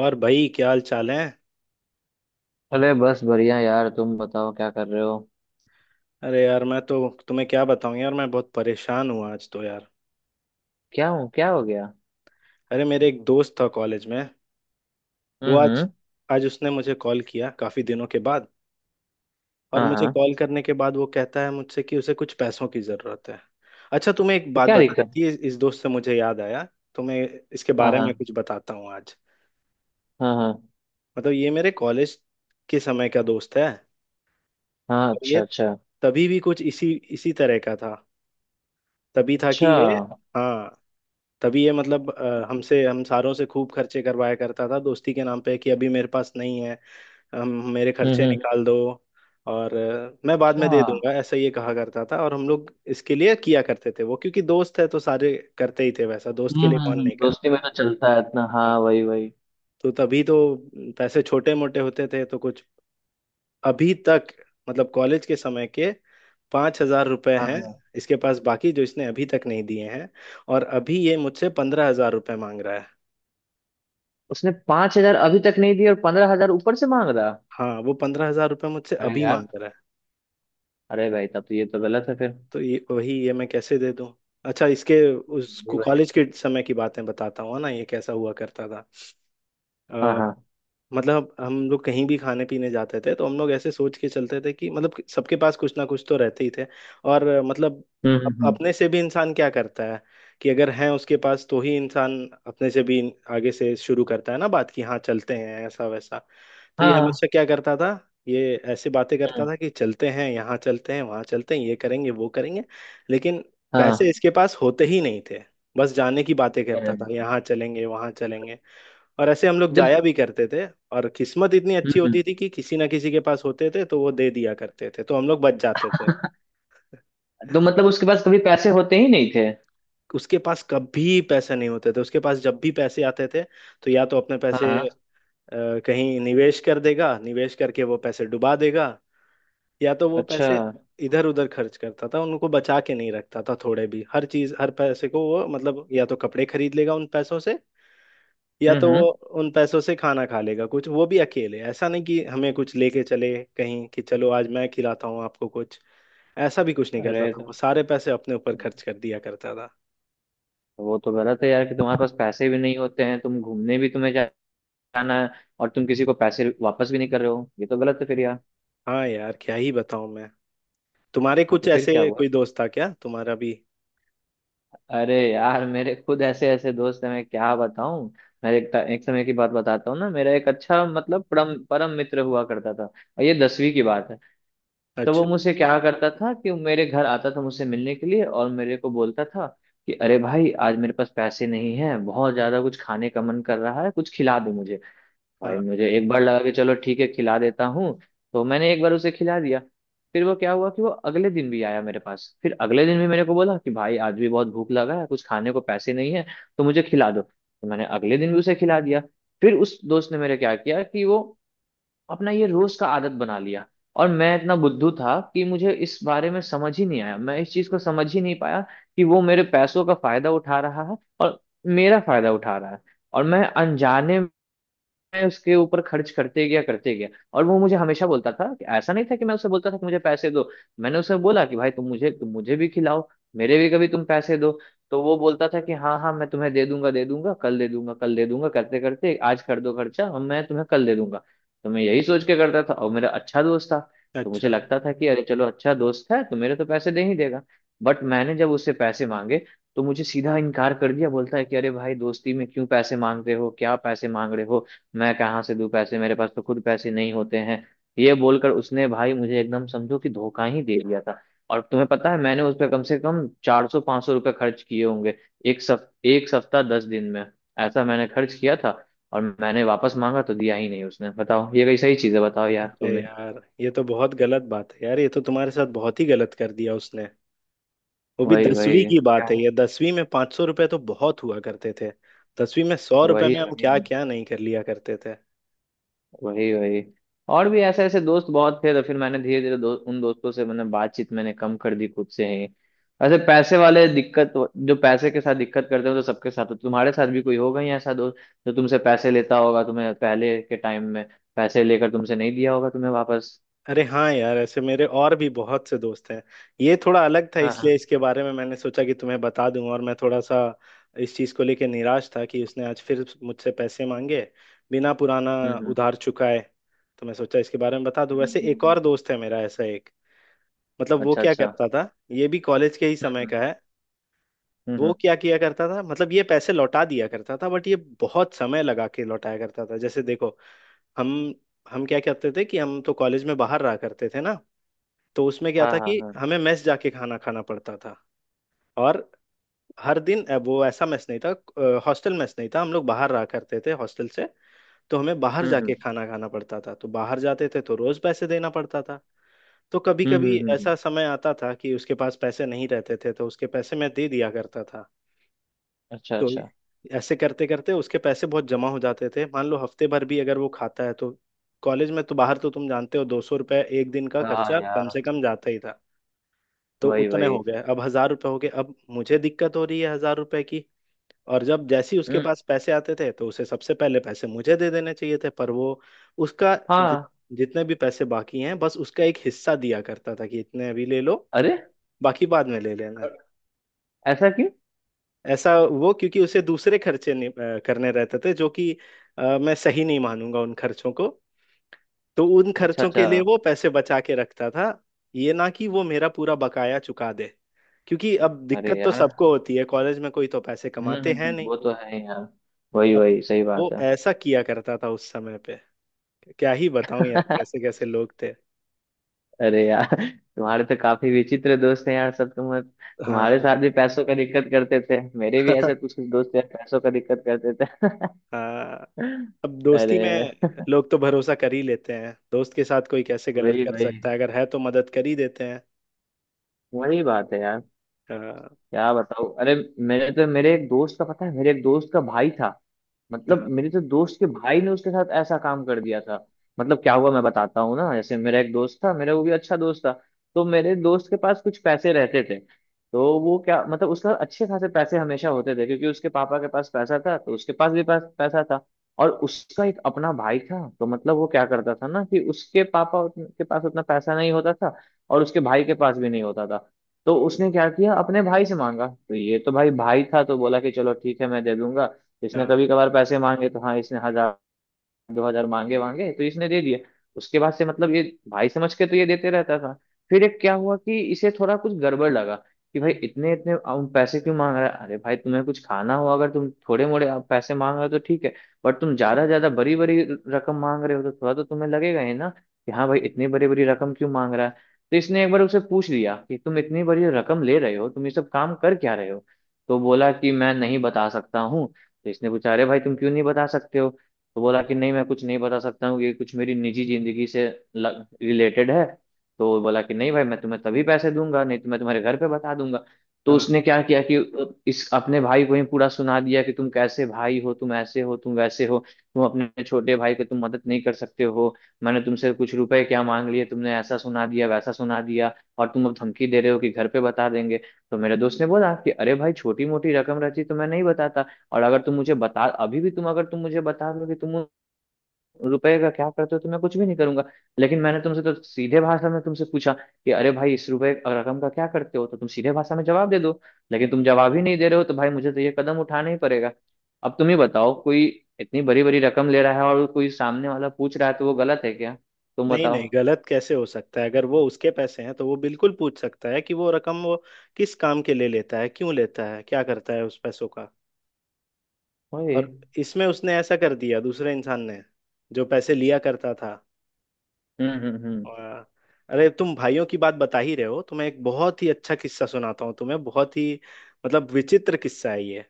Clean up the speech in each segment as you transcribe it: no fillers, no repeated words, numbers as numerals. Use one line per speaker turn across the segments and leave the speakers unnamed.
और भाई क्या हाल चाल है।
अरे बस बढ़िया यार। तुम बताओ क्या कर रहे हो?
अरे यार मैं तो तुम्हें क्या बताऊं यार, मैं बहुत परेशान हूँ आज तो यार।
क्या हो गया?
अरे मेरे एक दोस्त था कॉलेज में। वो आज
हम्म।
आज उसने मुझे कॉल किया काफी दिनों के बाद। और
हाँ
मुझे
हाँ।
कॉल करने के बाद वो कहता है मुझसे कि उसे कुछ पैसों की जरूरत है। अच्छा, तुम्हें एक
तो
बात
क्या
बतानी
दिक्कत?
थी, इस दोस्त से मुझे याद आया। तुम्हें इसके
हाँ
बारे में
हाँ।
कुछ बताता हूँ आज।
हाँ हाँ।
मतलब ये मेरे कॉलेज के समय का दोस्त है।
हाँ।
और
अच्छा
ये
अच्छा।
तभी भी कुछ इसी इसी तरह का था। तभी था कि
अच्छा।
ये। हाँ। तभी ये मतलब हमसे हम सारों से खूब खर्चे करवाया करता था दोस्ती के नाम पे कि अभी मेरे पास नहीं है। हम मेरे खर्चे
हम्म।
निकाल दो। और मैं बाद में
अच्छा।
दे दूंगा, ऐसा ये कहा करता था। और हम लोग इसके लिए किया करते थे, वो क्योंकि दोस्त है तो सारे करते ही थे वैसा, दोस्त के लिए कौन नहीं
दोस्ती
करता है।
में तो चलता है इतना।
हाँ।
हाँ, वही वही।
तो तभी तो पैसे छोटे मोटे होते थे तो कुछ अभी तक, मतलब कॉलेज के समय के 5,000 रुपये
हाँ
हैं
हाँ।
इसके पास बाकी, जो इसने अभी तक नहीं दिए हैं। और अभी ये मुझसे 15,000 रुपये मांग रहा है।
उसने 5 हजार अभी तक नहीं दी और 15 हजार ऊपर से मांग रहा।
हाँ, वो 15,000 रुपये मुझसे
अरे
अभी
यार।
मांग रहा है।
अरे भाई, तब तो ये तो गलत है फिर।
तो ये वही, ये मैं कैसे दे दूँ। अच्छा, इसके उस
जी भाई।
कॉलेज के समय की बातें बताता हूँ ना, ये कैसा हुआ करता
हाँ
था।
हाँ।
मतलब हम लोग कहीं भी खाने पीने जाते थे, तो हम लोग ऐसे सोच के चलते थे कि मतलब कि सबके पास कुछ ना कुछ तो रहते ही थे। और मतलब
हम्म हम्म हम्म,
अपने से भी इंसान क्या करता है कि अगर है उसके पास तो ही इंसान अपने से भी आगे से शुरू करता है ना बात, कि हाँ चलते हैं ऐसा वैसा। तो ये
हाँ।
हमेशा क्या करता था, ये ऐसे बातें करता
हम्म,
था कि चलते हैं यहाँ, चलते हैं वहाँ, चलते हैं ये करेंगे वो करेंगे। लेकिन पैसे
हाँ।
इसके पास होते ही नहीं थे, बस जाने की बातें
अरे।
करता था, यहाँ चलेंगे वहाँ चलेंगे। और ऐसे हम लोग
जब।
जाया भी करते थे, और किस्मत इतनी अच्छी
हम्म।
होती थी कि किसी ना किसी के पास होते थे तो वो दे दिया करते थे, तो हम लोग बच जाते थे।
तो मतलब उसके पास कभी पैसे होते ही नहीं थे?
उसके पास कभी पैसे नहीं होते थे। उसके पास जब भी पैसे आते थे, तो या तो अपने
हाँ
पैसे
हाँ।
अ, कहीं निवेश कर देगा, निवेश करके वो पैसे डुबा देगा। या तो वो
अच्छा।
पैसे इधर उधर खर्च करता था, उनको बचा के नहीं रखता था थोड़े भी। हर चीज हर पैसे को वो मतलब या तो कपड़े खरीद लेगा उन पैसों से, या
हम्म
तो वो
हम्म।
उन पैसों से खाना खा लेगा कुछ, वो भी अकेले। ऐसा नहीं कि हमें कुछ लेके चले कहीं कि चलो आज मैं खिलाता हूँ आपको कुछ, ऐसा भी कुछ नहीं करता
अरे
था। वो
तो।
सारे पैसे अपने ऊपर खर्च कर दिया करता था।
तो वो तो गलत है यार, कि तुम्हारे पास पैसे भी नहीं होते हैं, तुम घूमने भी तुम्हें जाना है। और तुम किसी को पैसे वापस भी नहीं कर रहे हो, ये तो गलत है फिर यार।
हाँ यार, क्या ही बताऊं मैं। तुम्हारे
हाँ,
कुछ
तो फिर
ऐसे
क्या हुआ?
कोई दोस्त था क्या तुम्हारा भी?
अरे यार, मेरे खुद ऐसे ऐसे दोस्त हैं, मैं क्या बताऊं। मैं एक समय की बात बताता हूँ ना, मेरा एक अच्छा, मतलब परम परम मित्र हुआ करता था, और ये 10वीं की बात है। तो वो
अच्छा, अच्छा।
मुझसे क्या करता था कि वो मेरे घर आता था मुझसे मिलने के लिए, और मेरे को बोलता था कि अरे भाई, आज मेरे पास पैसे नहीं है, बहुत ज्यादा कुछ खाने का मन कर रहा है, कुछ खिला दो मुझे। भाई,
हाँ,
मुझे एक बार लगा कि चलो ठीक है, खिला देता हूँ। तो मैंने एक बार उसे खिला दिया। फिर वो क्या हुआ कि वो अगले दिन भी आया मेरे पास, फिर अगले दिन भी मेरे को बोला कि भाई, आज भी बहुत भूख लगा है, कुछ खाने को पैसे नहीं है, तो मुझे खिला दो। तो मैंने अगले दिन भी उसे खिला दिया। फिर उस दोस्त ने मेरे क्या किया कि वो अपना ये रोज का आदत बना लिया। और मैं इतना बुद्धू था कि मुझे इस बारे में समझ ही नहीं आया, मैं इस चीज को समझ ही नहीं पाया कि वो मेरे पैसों का फायदा उठा रहा है, और मेरा फायदा उठा रहा है। और मैं अनजाने, मैं उसके ऊपर खर्च करते गया करते गया। और वो मुझे हमेशा बोलता था, कि ऐसा नहीं था कि मैं उसे बोलता था कि मुझे पैसे दो। मैंने उसे बोला कि भाई, तुम मुझे भी खिलाओ, मेरे भी कभी तुम पैसे दो। तो वो बोलता था कि हाँ हाँ, मैं तुम्हें दे दूंगा दे दूंगा, कल दे दूंगा कल दे दूंगा करते करते, आज कर दो खर्चा और मैं तुम्हें कल दे दूंगा। तो मैं यही सोच के करता था, और मेरा अच्छा दोस्त था, तो मुझे
अच्छा।
लगता था कि अरे चलो, अच्छा दोस्त है तो मेरे तो पैसे दे ही देगा। बट मैंने जब उससे पैसे मांगे, तो मुझे सीधा इनकार कर दिया। बोलता है कि अरे भाई, दोस्ती में क्यों पैसे मांगते हो, क्या पैसे मांग रहे हो? मैं कहाँ से दूं पैसे, मेरे पास तो खुद पैसे नहीं होते हैं। ये बोलकर उसने भाई मुझे एकदम समझो कि धोखा ही दे दिया था। और तुम्हें पता है, मैंने उस पर कम से कम 400 500 रुपये खर्च किए होंगे, एक सप्ताह 10 दिन में। ऐसा मैंने खर्च किया था। और मैंने वापस मांगा तो दिया ही नहीं उसने। बताओ, ये कई सही चीजें, बताओ यार
अरे
तुम्हें।
यार, ये तो बहुत गलत बात है यार, ये तो तुम्हारे साथ बहुत ही गलत कर दिया उसने। वो भी
वही
10वीं
वही
की
क्या
बात है,
है।
ये 10वीं में 500 रुपये तो बहुत हुआ करते थे। 10वीं में 100 रुपये
वही
में हम
वही।
क्या क्या नहीं कर लिया करते थे।
वही वही। और भी ऐसे ऐसे दोस्त बहुत थे, तो फिर मैंने धीरे धीरे उन दोस्तों से मैंने बातचीत मैंने कम कर दी खुद से ही। ऐसे पैसे वाले दिक्कत। जो पैसे के साथ दिक्कत करते हो तो सबके साथ, तो तुम्हारे साथ भी कोई होगा ही ऐसा दोस्त, जो तुमसे पैसे लेता होगा तुम्हें पहले के टाइम में, पैसे लेकर तुमसे नहीं दिया होगा तुम्हें वापस।
अरे हाँ यार, ऐसे मेरे और भी बहुत से दोस्त हैं। ये थोड़ा अलग था,
हाँ
इसलिए
हाँ।
इसके बारे में मैंने सोचा कि तुम्हें बता दूं। और मैं थोड़ा सा इस चीज़ को लेके निराश था कि उसने आज फिर मुझसे पैसे मांगे बिना पुराना
हम्म हम्म
उधार चुकाए। तो मैं सोचा इसके बारे में बता दूं।
हम्म,
वैसे
हम्म,
एक
हम्म।
और दोस्त है मेरा ऐसा एक, मतलब वो
अच्छा
क्या
अच्छा।
करता था, ये भी कॉलेज के ही
हम्म
समय
हम्म
का है।
हम्म
वो
हम्म।
क्या किया करता था मतलब, ये पैसे लौटा दिया करता था बट ये बहुत समय लगा के लौटाया करता था। जैसे देखो, हम हम क्या करते थे कि हम तो कॉलेज में बाहर रहा करते थे ना। तो उसमें क्या
हाँ
था
हाँ
कि
हाँ।
हमें मेस जाके खाना खाना पड़ता था। और हर दिन वो ऐसा मेस नहीं था, हॉस्टल मेस नहीं था, हम लोग बाहर रहा करते थे हॉस्टल से। तो हमें बाहर
हम्म
जाके
हम्म
खाना खाना पड़ता था, तो बाहर जाते थे तो रोज पैसे देना पड़ता था। तो कभी
हम्म हम्म
कभी
हम्म, हम्म,
ऐसा समय आता था कि उसके पास पैसे नहीं रहते थे, तो उसके पैसे मैं दे दिया करता था।
अच्छा
तो
अच्छा।
ऐसे करते करते उसके पैसे बहुत जमा हो जाते थे। मान लो हफ्ते भर भी अगर वो खाता है तो कॉलेज में तो बाहर, तो तुम जानते हो, 200 रुपये एक दिन का
हाँ
खर्चा कम से
यार।
कम जाता ही था। तो
वही
उतने हो
वही।
गए, अब 1,000 रुपये हो गए, अब मुझे दिक्कत हो रही है 1,000 रुपए की। और जब जैसे ही उसके
हम्म।
पास पैसे आते थे तो उसे सबसे पहले पैसे मुझे दे देने चाहिए थे, पर वो उसका जि,
हाँ।
जितने भी पैसे बाकी हैं बस उसका एक हिस्सा दिया करता था कि इतने अभी ले लो,
अरे,
बाकी बाद में ले लेना।
ऐसा क्यों?
ऐसा वो क्योंकि उसे दूसरे खर्चे, नहीं, करने रहते थे जो कि, मैं सही नहीं मानूंगा उन खर्चों को। तो उन
अच्छा
खर्चों
अच्छा।
के लिए वो पैसे बचा के रखता था, ये ना कि वो मेरा पूरा बकाया चुका दे। क्योंकि अब
अरे
दिक्कत तो
यार।
सबको होती है कॉलेज में, कोई तो पैसे कमाते हैं नहीं।
वो तो है ही यार। वही
अब
वही, सही
वो
बात है।
ऐसा किया करता था उस समय पे। क्या ही बताऊं यार, कैसे कैसे लोग थे।
अरे यार, तुम्हारे तो काफी विचित्र दोस्त हैं यार सब, तुम्हारे साथ
हाँ।
भी पैसों का दिक्कत करते थे। मेरे भी ऐसे कुछ कुछ दोस्त यार पैसों का दिक्कत करते थे।
हाँ। अब दोस्ती
अरे,
में लोग तो भरोसा कर ही लेते हैं, दोस्त के साथ कोई कैसे गलत
वही
कर
वही।
सकता है, अगर है तो मदद कर ही देते हैं।
वही बात है यार।
हाँ,
क्या बताओ, अरे। मेरे एक दोस्त का पता है, मेरे एक दोस्त का भाई था। मतलब
हाँ,
मेरे तो दोस्त के भाई ने उसके साथ ऐसा काम कर दिया था। मतलब क्या हुआ मैं बताता हूँ ना, जैसे मेरा एक दोस्त था, मेरा वो भी अच्छा दोस्त था। तो मेरे दोस्त के पास कुछ पैसे रहते थे। तो वो क्या मतलब, उसके पास अच्छे खासे पैसे हमेशा होते थे, क्योंकि उसके पापा के पास पैसा था, तो उसके पास भी पास पैसा था। और उसका एक अपना भाई था। तो मतलब वो क्या करता था ना कि उसके पापा के पास उतना पैसा नहीं होता था, और उसके भाई के पास भी नहीं होता था। तो उसने क्या किया, अपने भाई से मांगा। तो ये तो भाई भाई था तो बोला कि चलो ठीक है, मैं दे दूंगा। इसने
हाँ,
कभी कभार पैसे मांगे तो हाँ, इसने हजार 2 हजार मांगे मांगे तो इसने दे दिए। उसके बाद से मतलब ये भाई समझ के तो ये देते रहता था। फिर एक क्या हुआ कि इसे थोड़ा कुछ गड़बड़ लगा, कि भाई इतने इतने पैसे क्यों मांग रहा है। अरे भाई, तुम्हें कुछ खाना हो, अगर तुम थोड़े मोड़े पैसे मांग रहे हो तो ठीक है। बट तुम ज्यादा ज्यादा बड़ी बड़ी रकम मांग रहे हो, तो थोड़ा तो तुम्हें लगेगा ही ना, कि हाँ भाई, इतनी बड़ी बड़ी रकम क्यों मांग रहा है। तो इसने एक बार उसे पूछ लिया कि तुम इतनी बड़ी रकम ले रहे हो, तुम ये सब काम कर क्या रहे हो? तो बोला कि मैं नहीं बता सकता हूँ। तो इसने पूछा, अरे भाई तुम क्यों नहीं बता सकते हो? तो बोला कि नहीं, मैं कुछ नहीं बता सकता हूँ, ये कुछ मेरी निजी जिंदगी से रिलेटेड है। तो बोला कि नहीं भाई, मैं तुम्हें तभी पैसे दूंगा, नहीं तो मैं तुम्हारे घर पे बता दूंगा। तो
हाँ।
उसने क्या किया कि इस अपने भाई को ही पूरा सुना दिया कि तुम कैसे भाई हो, तुम ऐसे हो, तुम वैसे हो, तुम अपने छोटे भाई को तुम मदद नहीं कर सकते हो। मैंने तुमसे कुछ रुपए क्या मांग लिए, तुमने ऐसा सुना दिया वैसा सुना दिया, और तुम अब धमकी दे रहे हो कि घर पे बता देंगे। तो मेरे दोस्त ने बोला कि अरे भाई, छोटी मोटी रकम रहती तो मैं नहीं बताता। और अगर तुम मुझे बता अभी भी तुम, अगर तुम मुझे बता दो कि तुम रुपए का क्या करते हो, तो मैं कुछ भी नहीं करूंगा। लेकिन मैंने तुमसे तो सीधे भाषा में तुमसे पूछा कि अरे भाई, इस रुपए रकम का क्या करते हो, तो तुम सीधे भाषा में जवाब दे दो। लेकिन तुम जवाब ही नहीं दे रहे हो, तो भाई मुझे तो ये कदम उठाना ही पड़ेगा। अब तुम ही बताओ, कोई इतनी बड़ी बड़ी रकम ले रहा है और कोई सामने वाला पूछ रहा है, तो वो गलत है क्या? तुम
नहीं, नहीं,
बताओ।
गलत कैसे हो सकता है? अगर वो उसके पैसे हैं तो वो बिल्कुल पूछ सकता है कि वो रकम वो किस काम के लिए लेता है, क्यों लेता है, क्या करता है उस पैसों का।
ओए।
और इसमें उसने ऐसा कर दिया दूसरे इंसान ने जो पैसे लिया करता था।
हम्म।
और- अरे तुम भाइयों की बात बता ही रहे हो, तो मैं एक बहुत ही अच्छा किस्सा सुनाता हूँ तुम्हें, बहुत ही मतलब विचित्र किस्सा है ये।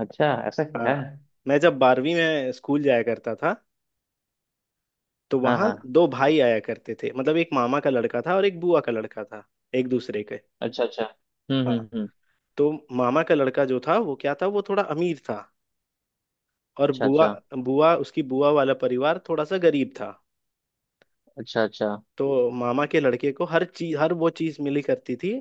अच्छा, ऐसा क्या
हाँ।
है?
मैं जब 12वीं में स्कूल जाया करता था, तो
हाँ
वहाँ
हाँ।
दो भाई आया करते थे। मतलब एक मामा का लड़का था और एक बुआ का लड़का था, एक दूसरे के।
अच्छा अच्छा।
हाँ।
हम्म।
तो मामा का लड़का जो था वो क्या था, वो थोड़ा अमीर था। और
अच्छा
बुआ
अच्छा।
बुआ उसकी बुआ वाला परिवार थोड़ा सा गरीब था।
अच्छा अच्छा।
तो मामा के लड़के को हर चीज, हर वो चीज मिली करती थी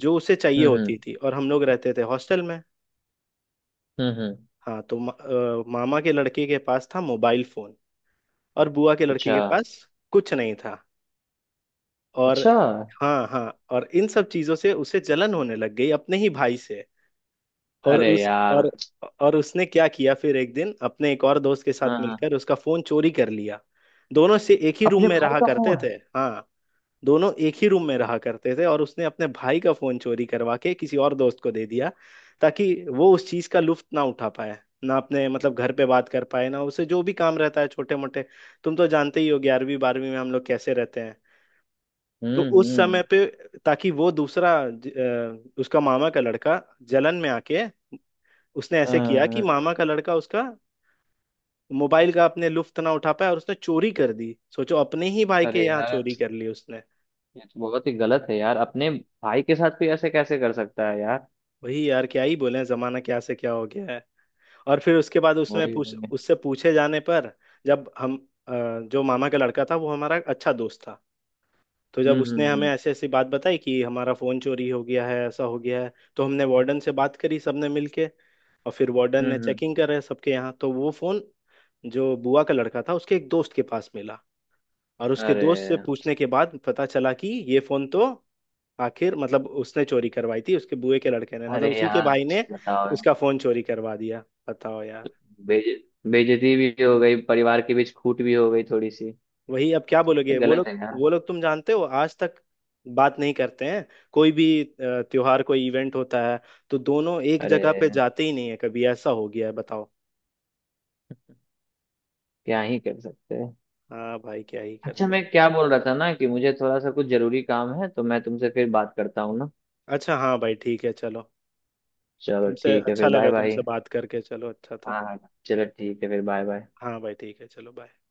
जो उसे चाहिए
हम्म
होती
हम्म
थी। और हम लोग रहते थे हॉस्टल में।
हम्म।
हाँ, तो मामा के लड़के के पास था मोबाइल फोन, और बुआ के लड़के
अच्छा
के पास कुछ नहीं था। और
अच्छा।
हाँ हाँ, और इन सब चीजों से उसे जलन होने लग गई अपने ही भाई से। और
अरे
उस
यार।
और उसने क्या किया, फिर एक दिन अपने एक और दोस्त के
हाँ
साथ
हाँ।
मिलकर उसका फोन चोरी कर लिया। दोनों से एक ही रूम
अपने
में
भाई
रहा
का
करते
फोन?
थे। हाँ। दोनों एक ही रूम में रहा करते थे और उसने अपने भाई का फोन चोरी करवा के किसी और दोस्त को दे दिया, ताकि वो उस चीज का लुत्फ ना उठा पाए, ना अपने मतलब घर पे बात कर पाए, ना उसे जो भी काम रहता है छोटे मोटे। तुम तो जानते ही हो 11वीं 12वीं में हम लोग कैसे रहते हैं। तो उस
हम्म।
समय पे ताकि वो दूसरा, उसका मामा का लड़का जलन में आके उसने ऐसे
हाँ
किया कि
हाँ।
मामा का लड़का उसका मोबाइल का अपने लुफ्त ना उठा पाया, और उसने चोरी कर दी। सोचो, अपने ही भाई के
अरे
यहाँ
यार,
चोरी कर ली उसने।
ये तो बहुत ही गलत है यार, अपने भाई के साथ भी ऐसे कैसे कर सकता है यार।
वही यार, क्या ही बोले, जमाना क्या से क्या हो गया है। और फिर उसके बाद उसमें
वही
पूछ
वही।
उससे पूछे जाने पर, जब हम अ, जो मामा का लड़का था वो हमारा अच्छा दोस्त था, तो जब
हम्म
उसने
हम्म
हमें
हम्म
ऐसी ऐसी बात बताई कि हमारा फोन चोरी हो गया है, ऐसा हो गया है, तो हमने वार्डन से बात करी सबने मिलके। और फिर वार्डन
हम्म
ने
हम्म।
चेकिंग करे सबके यहाँ, तो वो फोन जो बुआ का लड़का था उसके एक दोस्त के पास मिला। और उसके दोस्त से
अरे।
पूछने के बाद पता चला कि ये फोन तो आखिर मतलब उसने चोरी करवाई थी, उसके बुए के लड़के ने,
अरे
मतलब उसी के
यार,
भाई ने
बताओ।
उसका फोन चोरी करवा दिया। बताओ यार।
बेज बेइज्जती भी हो गई परिवार के बीच, खूट भी हो गई थोड़ी सी।
वही, अब क्या बोलोगे
तो
वो
गलत
लोग।
है यार।
वो लोग तुम जानते हो आज तक बात नहीं करते हैं। कोई भी त्योहार, कोई इवेंट होता है, तो दोनों एक
अरे,
जगह पे जाते ही नहीं है। कभी ऐसा हो गया है बताओ।
क्या ही कर सकते हैं।
हाँ भाई, क्या ही कर
अच्छा मैं
सकते।
क्या बोल रहा था ना, कि मुझे थोड़ा सा कुछ जरूरी काम है, तो मैं तुमसे फिर बात करता हूँ ना।
अच्छा, हाँ भाई, ठीक है, चलो।
चलो
तुमसे
ठीक है,
अच्छा
फिर बाय
लगा,
बाय।
तुमसे बात करके चलो, अच्छा था।
हाँ हाँ। चलो ठीक है, फिर बाय बाय।
हाँ भाई, ठीक है, चलो, बाय।